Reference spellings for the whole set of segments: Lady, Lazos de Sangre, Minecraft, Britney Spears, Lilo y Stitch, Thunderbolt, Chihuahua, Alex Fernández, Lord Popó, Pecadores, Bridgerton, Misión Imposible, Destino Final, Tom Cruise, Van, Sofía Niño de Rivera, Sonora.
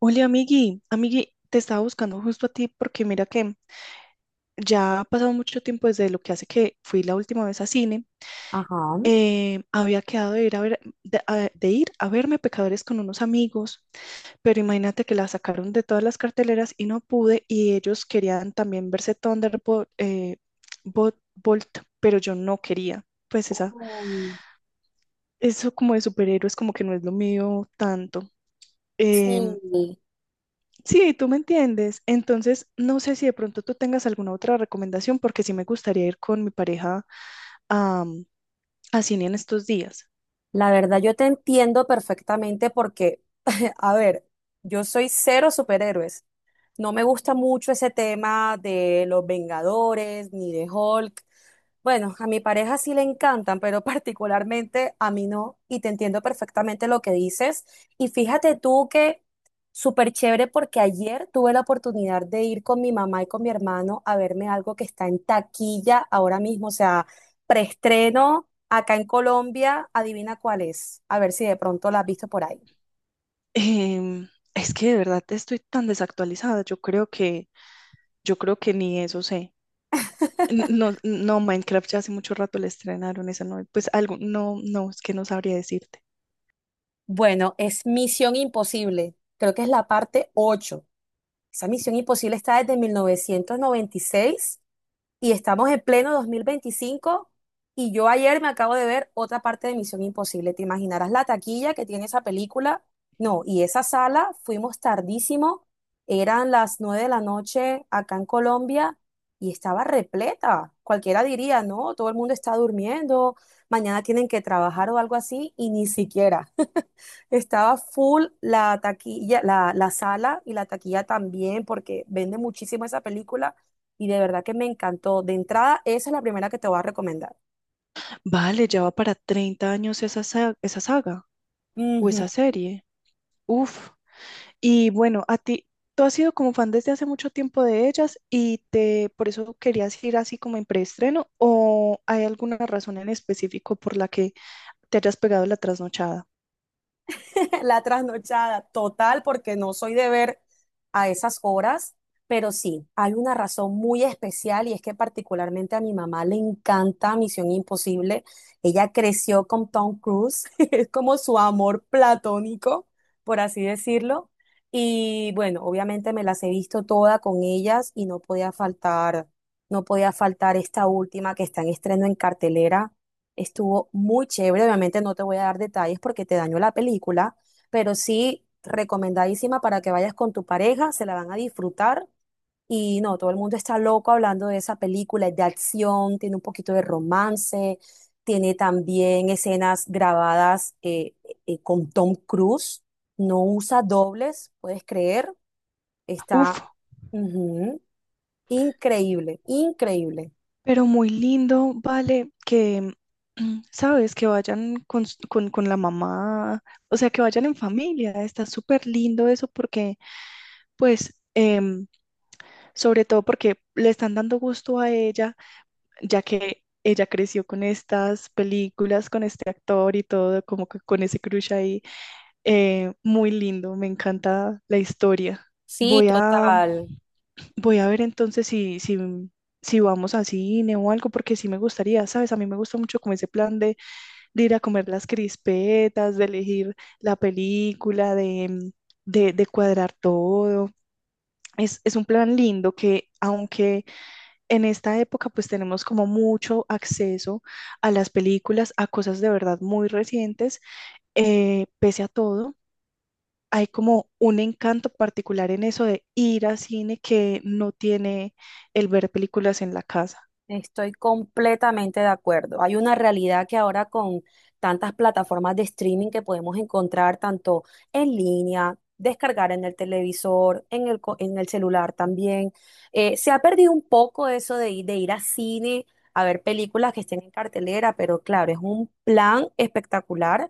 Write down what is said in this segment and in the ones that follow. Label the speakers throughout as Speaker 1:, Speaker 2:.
Speaker 1: Hola, amigui. Amigui, te estaba buscando justo a ti porque mira que ya ha pasado mucho tiempo desde lo que hace que fui la última vez a cine.
Speaker 2: Ajá.
Speaker 1: Había quedado de ir a ver, de ir a verme Pecadores con unos amigos, pero imagínate que la sacaron de todas las carteleras y no pude y ellos querían también verse Thunderbolt, Bolt, pero yo no quería. Pues
Speaker 2: Mm,
Speaker 1: eso como de superhéroes como que no es lo mío tanto.
Speaker 2: sí,
Speaker 1: em, Sí, tú me entiendes. Entonces, no sé si de pronto tú tengas alguna otra recomendación, porque sí me gustaría ir con mi pareja a, a cine en estos días.
Speaker 2: la verdad yo te entiendo perfectamente porque, a ver, yo soy cero superhéroes. No me gusta mucho ese tema de los Vengadores ni de Hulk. Bueno, a mi pareja sí le encantan, pero particularmente a mí no, y te entiendo perfectamente lo que dices. Y fíjate tú que súper chévere porque ayer tuve la oportunidad de ir con mi mamá y con mi hermano a verme algo que está en taquilla ahora mismo, o sea, preestreno acá en Colombia, adivina cuál es, a ver si de pronto la has visto por ahí.
Speaker 1: Em, es que de verdad estoy tan desactualizada. Yo creo que ni eso sé. No, no, Minecraft ya hace mucho rato le estrenaron esa no, pues algo, no, no, es que no sabría decirte.
Speaker 2: Bueno, es Misión Imposible. Creo que es la parte 8. Esa Misión Imposible está desde 1996 y seis y estamos en pleno 2025 y yo ayer me acabo de ver otra parte de Misión Imposible. ¿Te imaginarás la taquilla que tiene esa película? No, y esa sala fuimos tardísimo. Eran las 9 de la noche acá en Colombia y estaba repleta. Cualquiera diría, no, todo el mundo está durmiendo, mañana tienen que trabajar o algo así y ni siquiera. Estaba full la taquilla, la sala y la taquilla también, porque vende muchísimo esa película y de verdad que me encantó. De entrada, esa es la primera que te voy a recomendar.
Speaker 1: Vale, ya va para 30 años esa, esa saga o esa serie. Uf. Y bueno, a ti, tú has sido como fan desde hace mucho tiempo de ellas y te, por eso querías ir así como en preestreno, ¿o hay alguna razón en específico por la que te hayas pegado la trasnochada?
Speaker 2: La trasnochada total, porque no soy de ver a esas horas, pero sí, hay una razón muy especial y es que particularmente a mi mamá le encanta Misión Imposible. Ella creció con Tom Cruise, es como su amor platónico, por así decirlo. Y bueno, obviamente me las he visto todas con ellas y no podía faltar, no podía faltar esta última que está en estreno en cartelera. Estuvo muy chévere, obviamente no te voy a dar detalles porque te daño la película, pero sí recomendadísima para que vayas con tu pareja, se la van a disfrutar. Y no, todo el mundo está loco hablando de esa película, es de acción, tiene un poquito de romance, tiene también escenas grabadas con Tom Cruise, no usa dobles, puedes creer, está
Speaker 1: Uf,
Speaker 2: ujú, increíble, increíble.
Speaker 1: pero muy lindo, vale, sabes, que vayan con, con la mamá, o sea, que vayan en familia, está súper lindo eso porque, pues, em, sobre todo porque le están dando gusto a ella ya que ella creció con estas películas, con este actor y todo, como que con ese crush ahí. Muy lindo, me encanta la historia.
Speaker 2: Sí,
Speaker 1: Voy a,
Speaker 2: total.
Speaker 1: voy a ver entonces si vamos a cine o algo, porque sí me gustaría, ¿sabes? A mí me gusta mucho como ese plan de ir a comer las crispetas, de elegir la película, de cuadrar todo. Es un plan lindo que aunque en esta época pues tenemos como mucho acceso a las películas, a cosas de verdad muy recientes, pese a todo. Hay como un encanto particular en eso de ir al cine que no tiene el ver películas en la casa.
Speaker 2: Estoy completamente de acuerdo. Hay una realidad que ahora con tantas plataformas de streaming que podemos encontrar tanto en línea, descargar en el televisor, en el celular también, se ha perdido un poco eso de ir a cine a ver películas que estén en cartelera, pero claro, es un plan espectacular.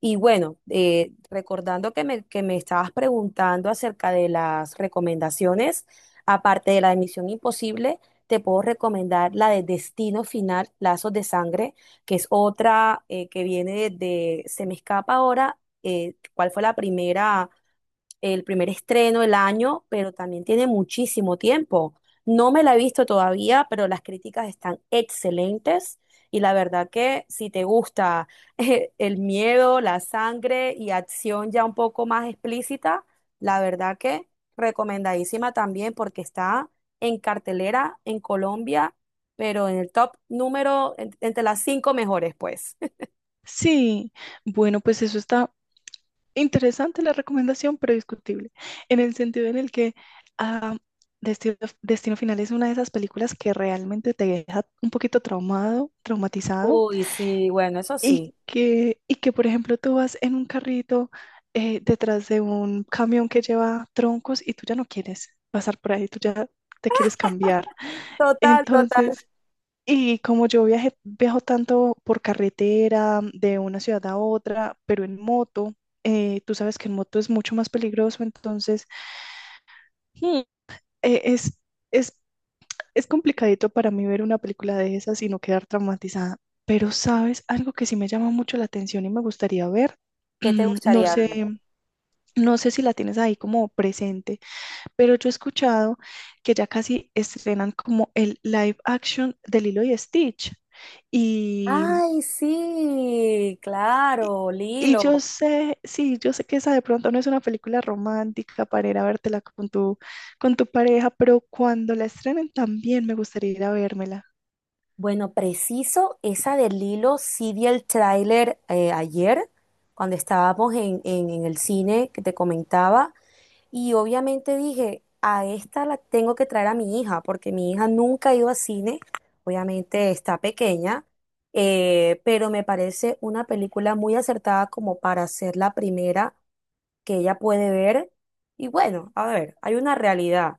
Speaker 2: Y bueno, recordando que me estabas preguntando acerca de las recomendaciones, aparte de la de Misión Imposible. Te puedo recomendar la de Destino Final, Lazos de Sangre, que es otra que se me escapa ahora, cuál fue la primera el primer estreno del año, pero también tiene muchísimo tiempo. No me la he visto todavía, pero las críticas están excelentes y la verdad que si te gusta el miedo, la sangre y acción ya un poco más explícita, la verdad que recomendadísima también porque está en cartelera en Colombia, pero en el top número entre las cinco mejores, pues.
Speaker 1: Sí, bueno, pues eso está interesante la recomendación, pero discutible, en el sentido en el que ah, Destino, Destino Final es una de esas películas que realmente te deja un poquito traumado, traumatizado.
Speaker 2: Uy, sí, bueno, eso sí.
Speaker 1: Y que, por ejemplo, tú vas en un carrito detrás de un camión que lleva troncos y tú ya no quieres pasar por ahí, tú ya te quieres cambiar.
Speaker 2: Total, total.
Speaker 1: Entonces, y como yo viajo tanto por carretera de una ciudad a otra, pero en moto, tú sabes que en moto es mucho más peligroso, entonces mm, eh, es, es es complicadito para mí ver una película de esas y no quedar traumatizada, pero sabes, algo que sí me llama mucho la atención y me gustaría ver,
Speaker 2: ¿Qué te
Speaker 1: no
Speaker 2: gustaría
Speaker 1: sé,
Speaker 2: ver?
Speaker 1: no sé si la tienes ahí como presente, pero yo he escuchado que ya casi estrenan como el live action de Lilo y Stitch y
Speaker 2: Ay, sí,
Speaker 1: y,
Speaker 2: claro,
Speaker 1: y yo
Speaker 2: Lilo.
Speaker 1: sé, sí, yo sé que esa de pronto no es una película romántica para ir a vértela con tu pareja, pero cuando la estrenen también me gustaría ir a vérmela.
Speaker 2: Bueno, preciso, esa de Lilo, sí vi el tráiler ayer, cuando estábamos en el cine que te comentaba, y obviamente dije, a esta la tengo que traer a mi hija, porque mi hija nunca ha ido a cine, obviamente está pequeña, pero me parece una película muy acertada como para ser la primera que ella puede ver. Y bueno, a ver, hay una realidad.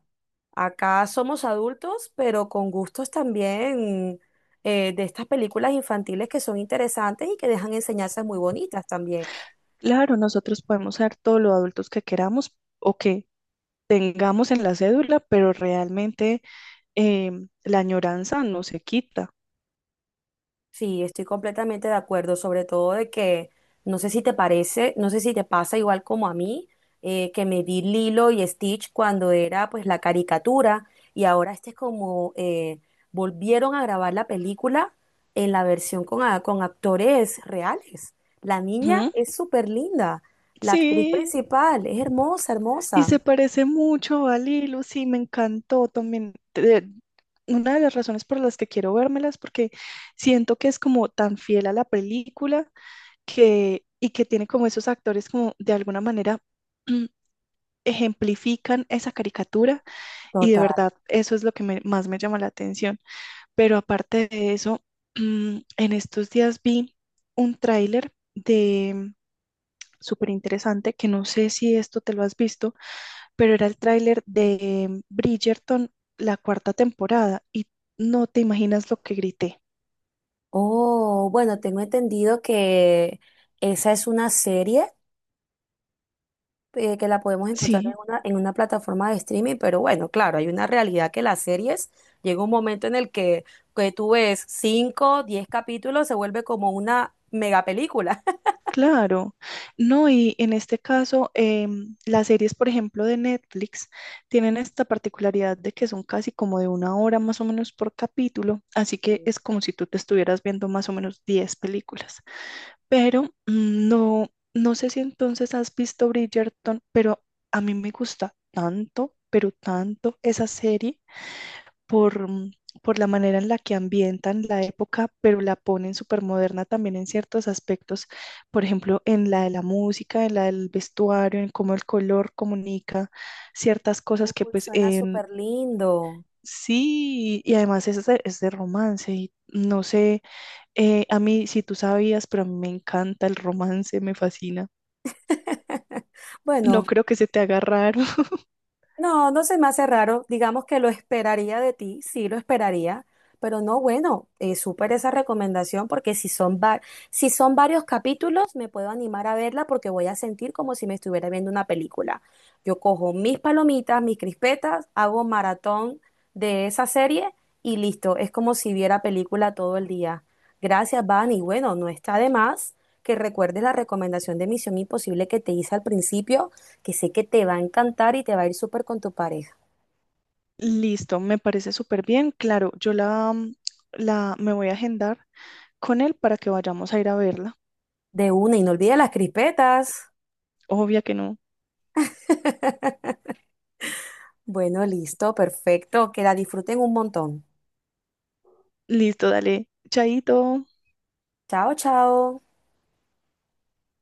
Speaker 2: Acá somos adultos, pero con gustos también de estas películas infantiles que son interesantes y que dejan enseñanzas muy bonitas también.
Speaker 1: Claro, nosotros podemos ser todos los adultos que queramos o que tengamos en la cédula, pero realmente la añoranza no se quita.
Speaker 2: Sí, estoy completamente de acuerdo, sobre todo de que no sé si te parece, no sé si te pasa igual como a mí, que me vi Lilo y Stitch cuando era pues la caricatura y ahora este es como volvieron a grabar la película en la versión con actores reales. La niña
Speaker 1: Ujú.
Speaker 2: es súper linda, la actriz
Speaker 1: Sí,
Speaker 2: principal es hermosa,
Speaker 1: y
Speaker 2: hermosa.
Speaker 1: se parece mucho a Lilo, sí, me encantó también. Una de las razones por las que quiero vérmelas, porque siento que es como tan fiel a la película que, y que tiene como esos actores como de alguna manera mm, ejemplifican esa caricatura y de
Speaker 2: Total.
Speaker 1: verdad eso es lo que más me llama la atención. Pero aparte de eso, en estos días vi un tráiler de súper interesante que no sé si esto te lo has visto, pero era el tráiler de Bridgerton, la cuarta temporada, y no te imaginas lo que grité.
Speaker 2: Oh, bueno, tengo entendido que esa es una serie, que la podemos encontrar en
Speaker 1: Sí,
Speaker 2: una, en una plataforma de streaming, pero bueno, claro, hay una realidad que las series llega un momento en el que tú ves 5, 10 capítulos, se vuelve como una mega película.
Speaker 1: claro. No, y en este caso, las series, por ejemplo, de Netflix, tienen esta particularidad de que son casi como de 1 hora más o menos por capítulo, así que es como si tú te estuvieras viendo más o menos 10 películas. Pero no sé si entonces has visto Bridgerton, pero a mí me gusta tanto, pero tanto esa serie por, mm, por la manera en la que ambientan la época, pero la ponen súper moderna también en ciertos aspectos, por ejemplo, en la de la música, en la del vestuario, en cómo el color comunica ciertas cosas que
Speaker 2: Uy,
Speaker 1: pues
Speaker 2: suena
Speaker 1: en...
Speaker 2: súper lindo.
Speaker 1: Sí, y además es de romance y no sé, a mí si tú sabías, pero a mí me encanta el romance, me fascina.
Speaker 2: Bueno.
Speaker 1: No creo que se te haga raro.
Speaker 2: No, no se me hace raro. Digamos que lo esperaría de ti, sí lo esperaría, pero no, bueno, súper esa recomendación porque si son varios capítulos me puedo animar a verla porque voy a sentir como si me estuviera viendo una película. Yo cojo mis palomitas, mis crispetas, hago maratón de esa serie y listo, es como si viera película todo el día. Gracias, Van, y bueno, no está de más que recuerdes la recomendación de Misión Imposible que te hice al principio que sé que te va a encantar y te va a ir súper con tu pareja.
Speaker 1: Listo, me parece súper bien. Claro, yo la, mm, la Me voy a agendar con él para que vayamos a ir a verla.
Speaker 2: De una, y no olvides las crispetas.
Speaker 1: Obvia que no.
Speaker 2: Bueno, listo, perfecto. Que la disfruten un montón.
Speaker 1: Listo, dale. Chaito.
Speaker 2: Chao, chao.